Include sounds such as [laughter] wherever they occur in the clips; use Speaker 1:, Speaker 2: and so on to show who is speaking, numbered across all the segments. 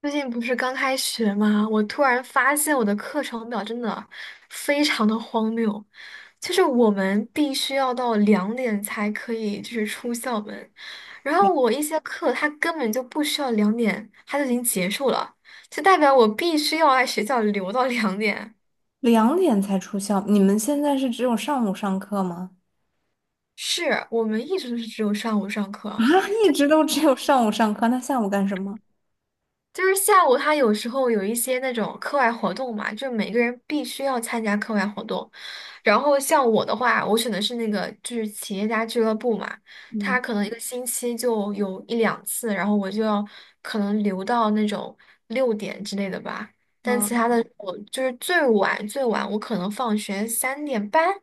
Speaker 1: 最近不是刚开学吗？我突然发现我的课程表真的非常的荒谬，就是我们必须要到两点才可以就是出校门，然后我一些课它根本就不需要两点，它就已经结束了，就代表我必须要在学校留到两点。
Speaker 2: 两点才出校，你们现在是只有上午上课吗？
Speaker 1: 是我们一直都是只有上午上课，
Speaker 2: 啊，一直都只有上午上课，那下午干什么？
Speaker 1: 就是下午他有时候有一些那种课外活动嘛，就每个人必须要参加课外活动。然后像我的话，我选的是那个就是企业家俱乐部嘛，
Speaker 2: 嗯，
Speaker 1: 他可能一个星期就有一两次，然后我就要可能留到那种六点之类的吧。但
Speaker 2: 啊，
Speaker 1: 其他的我就是最晚最晚我可能放学3点半，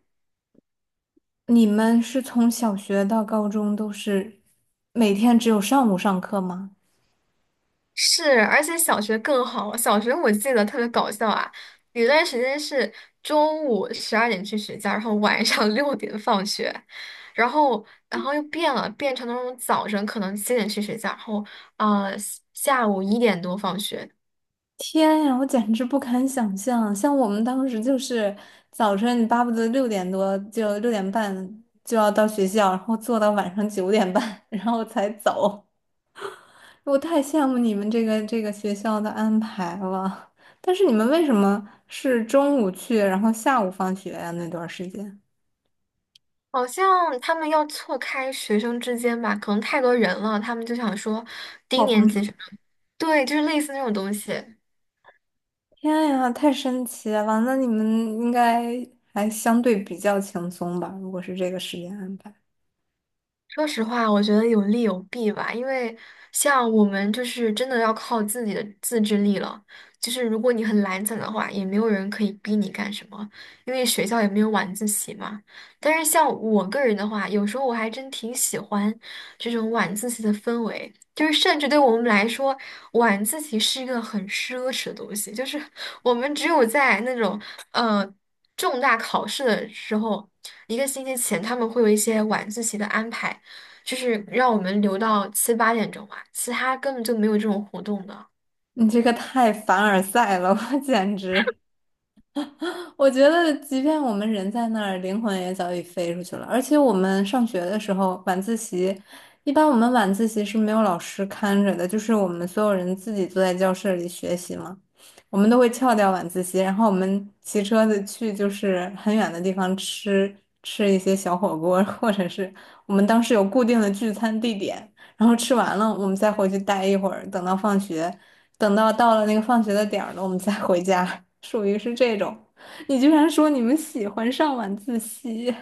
Speaker 2: 你们是从小学到高中都是每天只有上午上课吗？
Speaker 1: 是，而且小学更好。小学我记得特别搞笑啊，有段时间是中午12点去学校，然后晚上 [laughs] 六点放学，然后然后又变了，变成那种早晨可能7点去学校，然后呃下午1点多放学。
Speaker 2: 天呀，我简直不敢想象，像我们当时就是早晨你巴不得6点多就6点半就要到学校，然后坐到晚上9点半，然后才走。我太羡慕你们这个学校的安排了。但是你们为什么是中午去，然后下午放学呀？那段时间，
Speaker 1: 好像他们要错开学生之间吧，可能太多人了，他们就想说低
Speaker 2: 我放
Speaker 1: 年级
Speaker 2: 上。
Speaker 1: 学生，对，就是类似那种东西。
Speaker 2: 天呀，太神奇了！那你们应该还相对比较轻松吧？如果是这个时间安排，
Speaker 1: 说实话，我觉得有利有弊吧，因为像我们就是真的要靠自己的自制力了。就是如果你很懒散的话，也没有人可以逼你干什么，因为学校也没有晚自习嘛。但是像我个人的话，有时候我还真挺喜欢这种晚自习的氛围，就是甚至对我们来说，晚自习是一个很奢侈的东西，就是 [laughs] 我们只有在那种呃重大考试的时候。一个星期前他们会有一些晚自习的安排。就是让我们留到七八点钟吧，其他根本就没有这种活动的。
Speaker 2: 你这个太凡尔赛了，我简直。我觉得，即便我们人在那儿，灵魂也早已飞出去了。而且我们上学的时候，晚自习，一般我们晚自习是没有老师看着的，就是我们所有人自己坐在教室里学习嘛。我们都会翘掉晚自习，然后我们骑车子去就是很远的地方吃一些小火锅，或者是我们当时有固定的聚餐地点，然后吃完了我们再回去待一会儿，等到放学，等到到了那个放学的点儿了，我们再回家，[laughs] 属于是这种。你居然说你们喜欢上晚自习，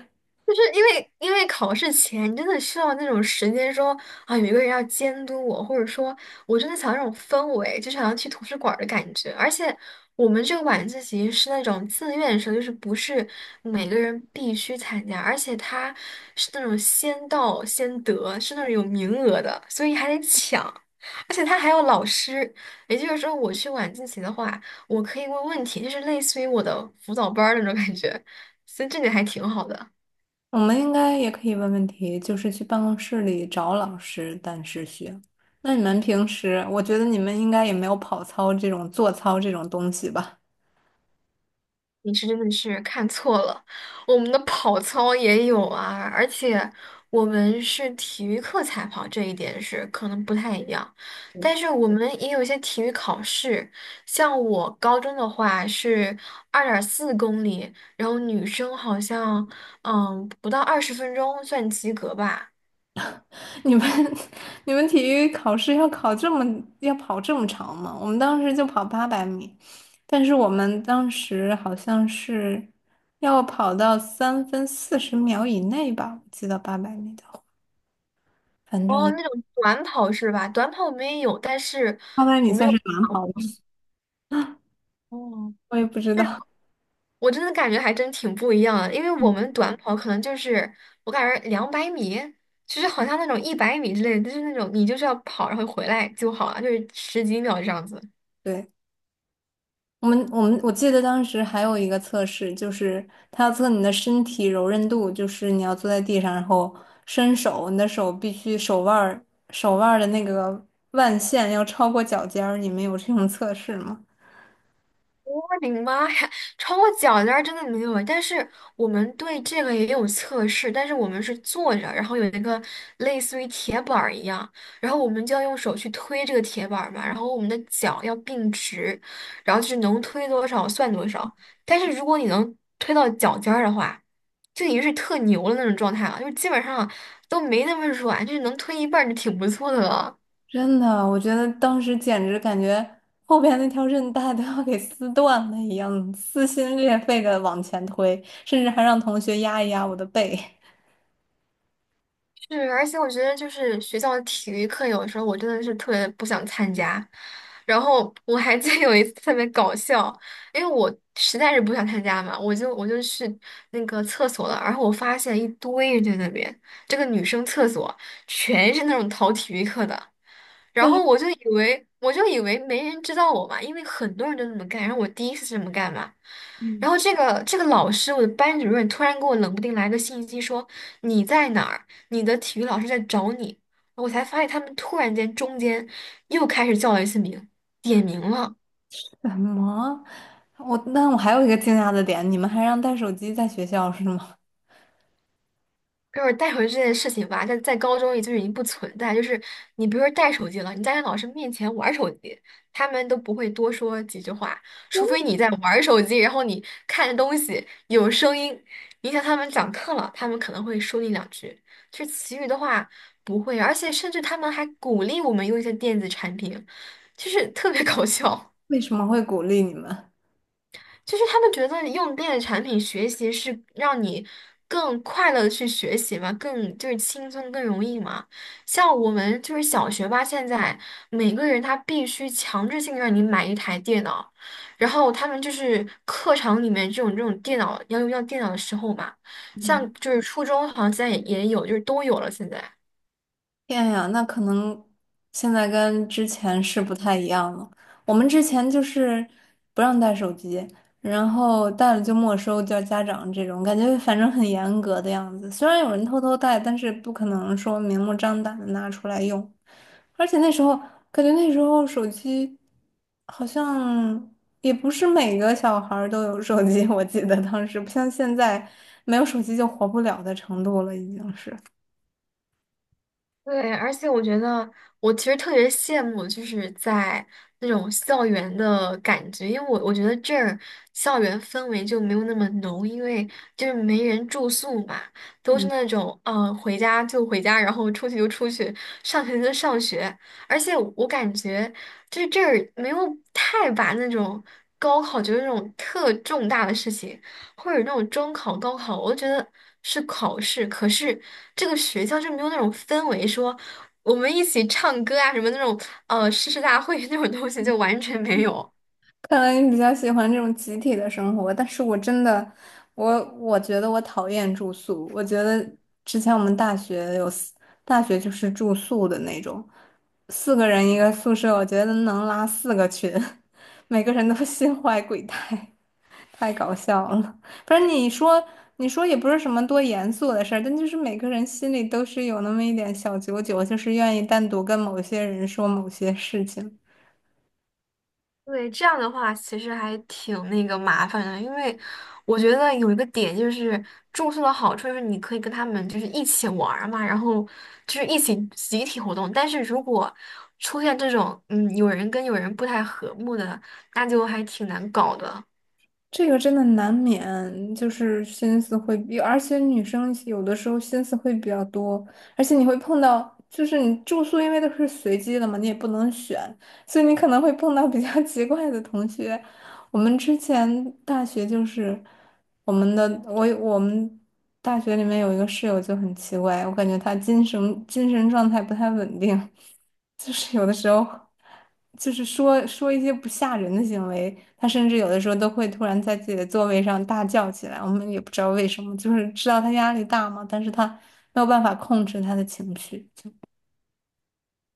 Speaker 1: 就是因为考试前，你真的需要那种时间说啊，有一个人要监督我，或者说，我真的想要那种氛围，就想要去图书馆儿的感觉。而且我们这个晚自习是那种自愿生，就是不是每个人必须参加，而且它是那种先到先得，是那种有名额的，所以还得抢。而且他还有老师，也就是说，我去晚自习的话，我可以问问题，就是类似于我的辅导班儿那种感觉，所以这点还挺好的。
Speaker 2: 我们应该也可以问问题，就是去办公室里找老师，但是学。那你们平时，我觉得你们应该也没有跑操这种做操这种东西吧？
Speaker 1: 你是真的是看错了，我们的跑操也有啊，而且我们是体育课才跑，这一点是可能不太一样。但是我们也有一些体育考试，像我高中的话是2.4公里，然后女生好像不到20分钟算及格吧。
Speaker 2: [laughs] 你们 [laughs] 你们体育考试要考这么要跑这么长吗？我们当时就跑八百米，但是我们当时好像是要跑到3分40秒以内吧，我记得八百米的话，反
Speaker 1: 哦，
Speaker 2: 正
Speaker 1: 那种短跑是吧？短跑我们也有，但是
Speaker 2: 八百米
Speaker 1: 我们
Speaker 2: 算
Speaker 1: 有。
Speaker 2: 是短跑。
Speaker 1: 哦。
Speaker 2: 我也不知道。
Speaker 1: 我真的感觉还真挺不一样的，因为我
Speaker 2: 嗯，
Speaker 1: 们短跑可能就是我感觉200米，其实好像那种100米之类的，就是那种你就是要跑然后回来就好了，就是十几秒这样子。
Speaker 2: 对，我们我记得当时还有一个测试，就是他要测你的身体柔韧度，就是你要坐在地上，然后伸手，你的手必须手腕儿的那个腕线要超过脚尖儿。你们有这种测试吗？
Speaker 1: 我的妈呀，超过脚尖儿真的没有，但是我们对这个也有测试，但是我们是坐着，然后有一个类似于铁板儿一样，然后我们就要用手去推这个铁板儿嘛，然后我们的脚要并直，然后就是能推多少算多少。但是如果你能推到脚尖儿的话，就已经是特牛的那种状态了，就是基本上都没那么软，就是能推一半儿就挺不错的了。
Speaker 2: 真的，我觉得当时简直感觉后边那条韧带都要给撕断了一样，撕心裂肺的往前推，甚至还让同学压一压我的背。
Speaker 1: 是，而且我觉得就是学校的体育课，有的时候我真的是特别不想参加。然后我还记得 [laughs] 有一次特别搞笑，因为我实在是不想参加嘛，我就去那个厕所了，然后我发现一堆人在那边，这个女生厕所全是那种逃体育课的。
Speaker 2: [laughs]
Speaker 1: 然
Speaker 2: 但
Speaker 1: 后
Speaker 2: 是。
Speaker 1: 我就以为没人知道我嘛，因为很多人都这么干，然后我第一次这么干嘛。然
Speaker 2: 嗯。
Speaker 1: 后这个老师，我的班主任突然给我冷不丁来个信息说你在哪儿，你的体育老师在找你。我才发现他们突然间中间又开始叫了一次名，点名了。
Speaker 2: [laughs] 什么？那我还有一个惊讶的点，你们还让带手机在学校是吗？
Speaker 1: 就是带回去这件事情吧，在高中也就已经不存在。就是你比如说带手机了，你在老师面前玩手机，他们都不会多说几句话，除非你在玩手机，然后你看东西有声音，影响他们讲课了，他们可能会说你两句。就其余的话不会，而且甚至他们还鼓励我们用一些电子产品，就是特别搞笑。
Speaker 2: [laughs] 为什么会鼓励你们？
Speaker 1: 就是他们觉得用电子产品学习是让你更快乐的去学习嘛，更就是轻松更容易嘛。像我们就是小学吧，现在每个人他必须强制性让你买一台电脑，然后他们就是课堂里面这种电脑要用到电脑的时候嘛，像就是初中好像现在也有，就是都有了现在。
Speaker 2: 天呀，那可能现在跟之前是不太一样了。我们之前就是不让带手机，然后带了就没收，叫家长这种，感觉反正很严格的样子。虽然有人偷偷带，但是不可能说明目张胆的拿出来用。而且那时候感觉那时候手机好像也不是每个小孩儿都有手机，我记得当时不像现在没有手机就活不了的程度了，已经是。
Speaker 1: 对，而且我觉得我其实特别羡慕，就是在那种校园的感觉，因为我觉得这儿校园氛围就没有那么浓，因为就是没人住宿嘛，都是
Speaker 2: 嗯。
Speaker 1: 那种回家就回家，然后出去就出去，上学就上学，而且我感觉就是这儿没有太把那种高考就是那种特重大的事情。或者那种中考、高考，我都觉得是考试。可是这个学校就没有那种氛围，说我们一起唱歌啊，什么那种诗大会 [laughs] 那种东西，就完全没有。
Speaker 2: 看来你比较喜欢这种集体的生活，但是我真的，我觉得我讨厌住宿。我觉得之前我们大学有四，大学就是住宿的那种，四个人一个宿舍，我觉得能拉四个群，[laughs] 每个人都 [laughs] 心怀鬼胎，太搞笑了。不是你说，你说也不是什么多严肃的事儿，但就是每个人心里都是有那么一点小九九，就是愿意单独跟某些人说某些事情。
Speaker 1: 对，这样的话其实还挺那个麻烦的，因为我觉得有一个点就是住宿的好处就是你可以跟他们就是一起玩儿嘛，然后就是一起集体活动。但是如果出现这种有人跟有人不太和睦的，那就还挺难搞的。
Speaker 2: 这个真的难免，就是心思会比，而且女生有的时候心思会比较多，而且你会碰到，就是你住宿因为都是随机的嘛，你也不能选，所以你可能会碰到比较 [laughs] 奇怪的同学。我们之前大学就是我们大学里面有一个室友就很奇怪，我感觉他精神状态不太稳定，[laughs] 就是有的时候。就是说说一些不吓人的行为，他甚至有的时候都会突然在自己的座位上大叫起来，我们也不知道为什么，就是知道他压力大嘛，但是他没有办法控制他的情绪，就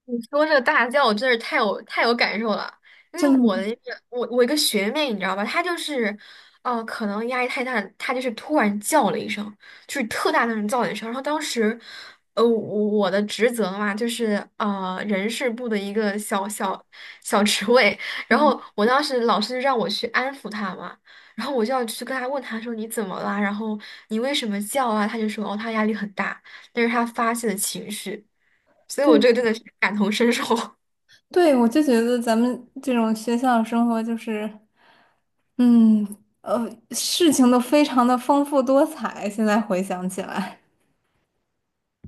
Speaker 1: 你说这个大叫，我真是太有太有感受了，因为
Speaker 2: 真的
Speaker 1: 我
Speaker 2: 吗
Speaker 1: 的一个一个学妹，你知道吧，她就是，可能压力太大，她就是突然叫了一声，就是特大那种叫了一声，然后当时，呃，我我的职责嘛，就是人事部的一个小小职位，然后我当时老师让我去安抚她嘛，然后我就要去跟她问她说你怎么啦，然后你为什么叫啊？她就说哦，她压力很大，那是她发泄的情绪。所以
Speaker 2: 对
Speaker 1: 我这个真的是感同身受。
Speaker 2: 对，我就觉得咱们这种学校生活就是，嗯呃，事情都非常的丰富多彩，现在回想起来。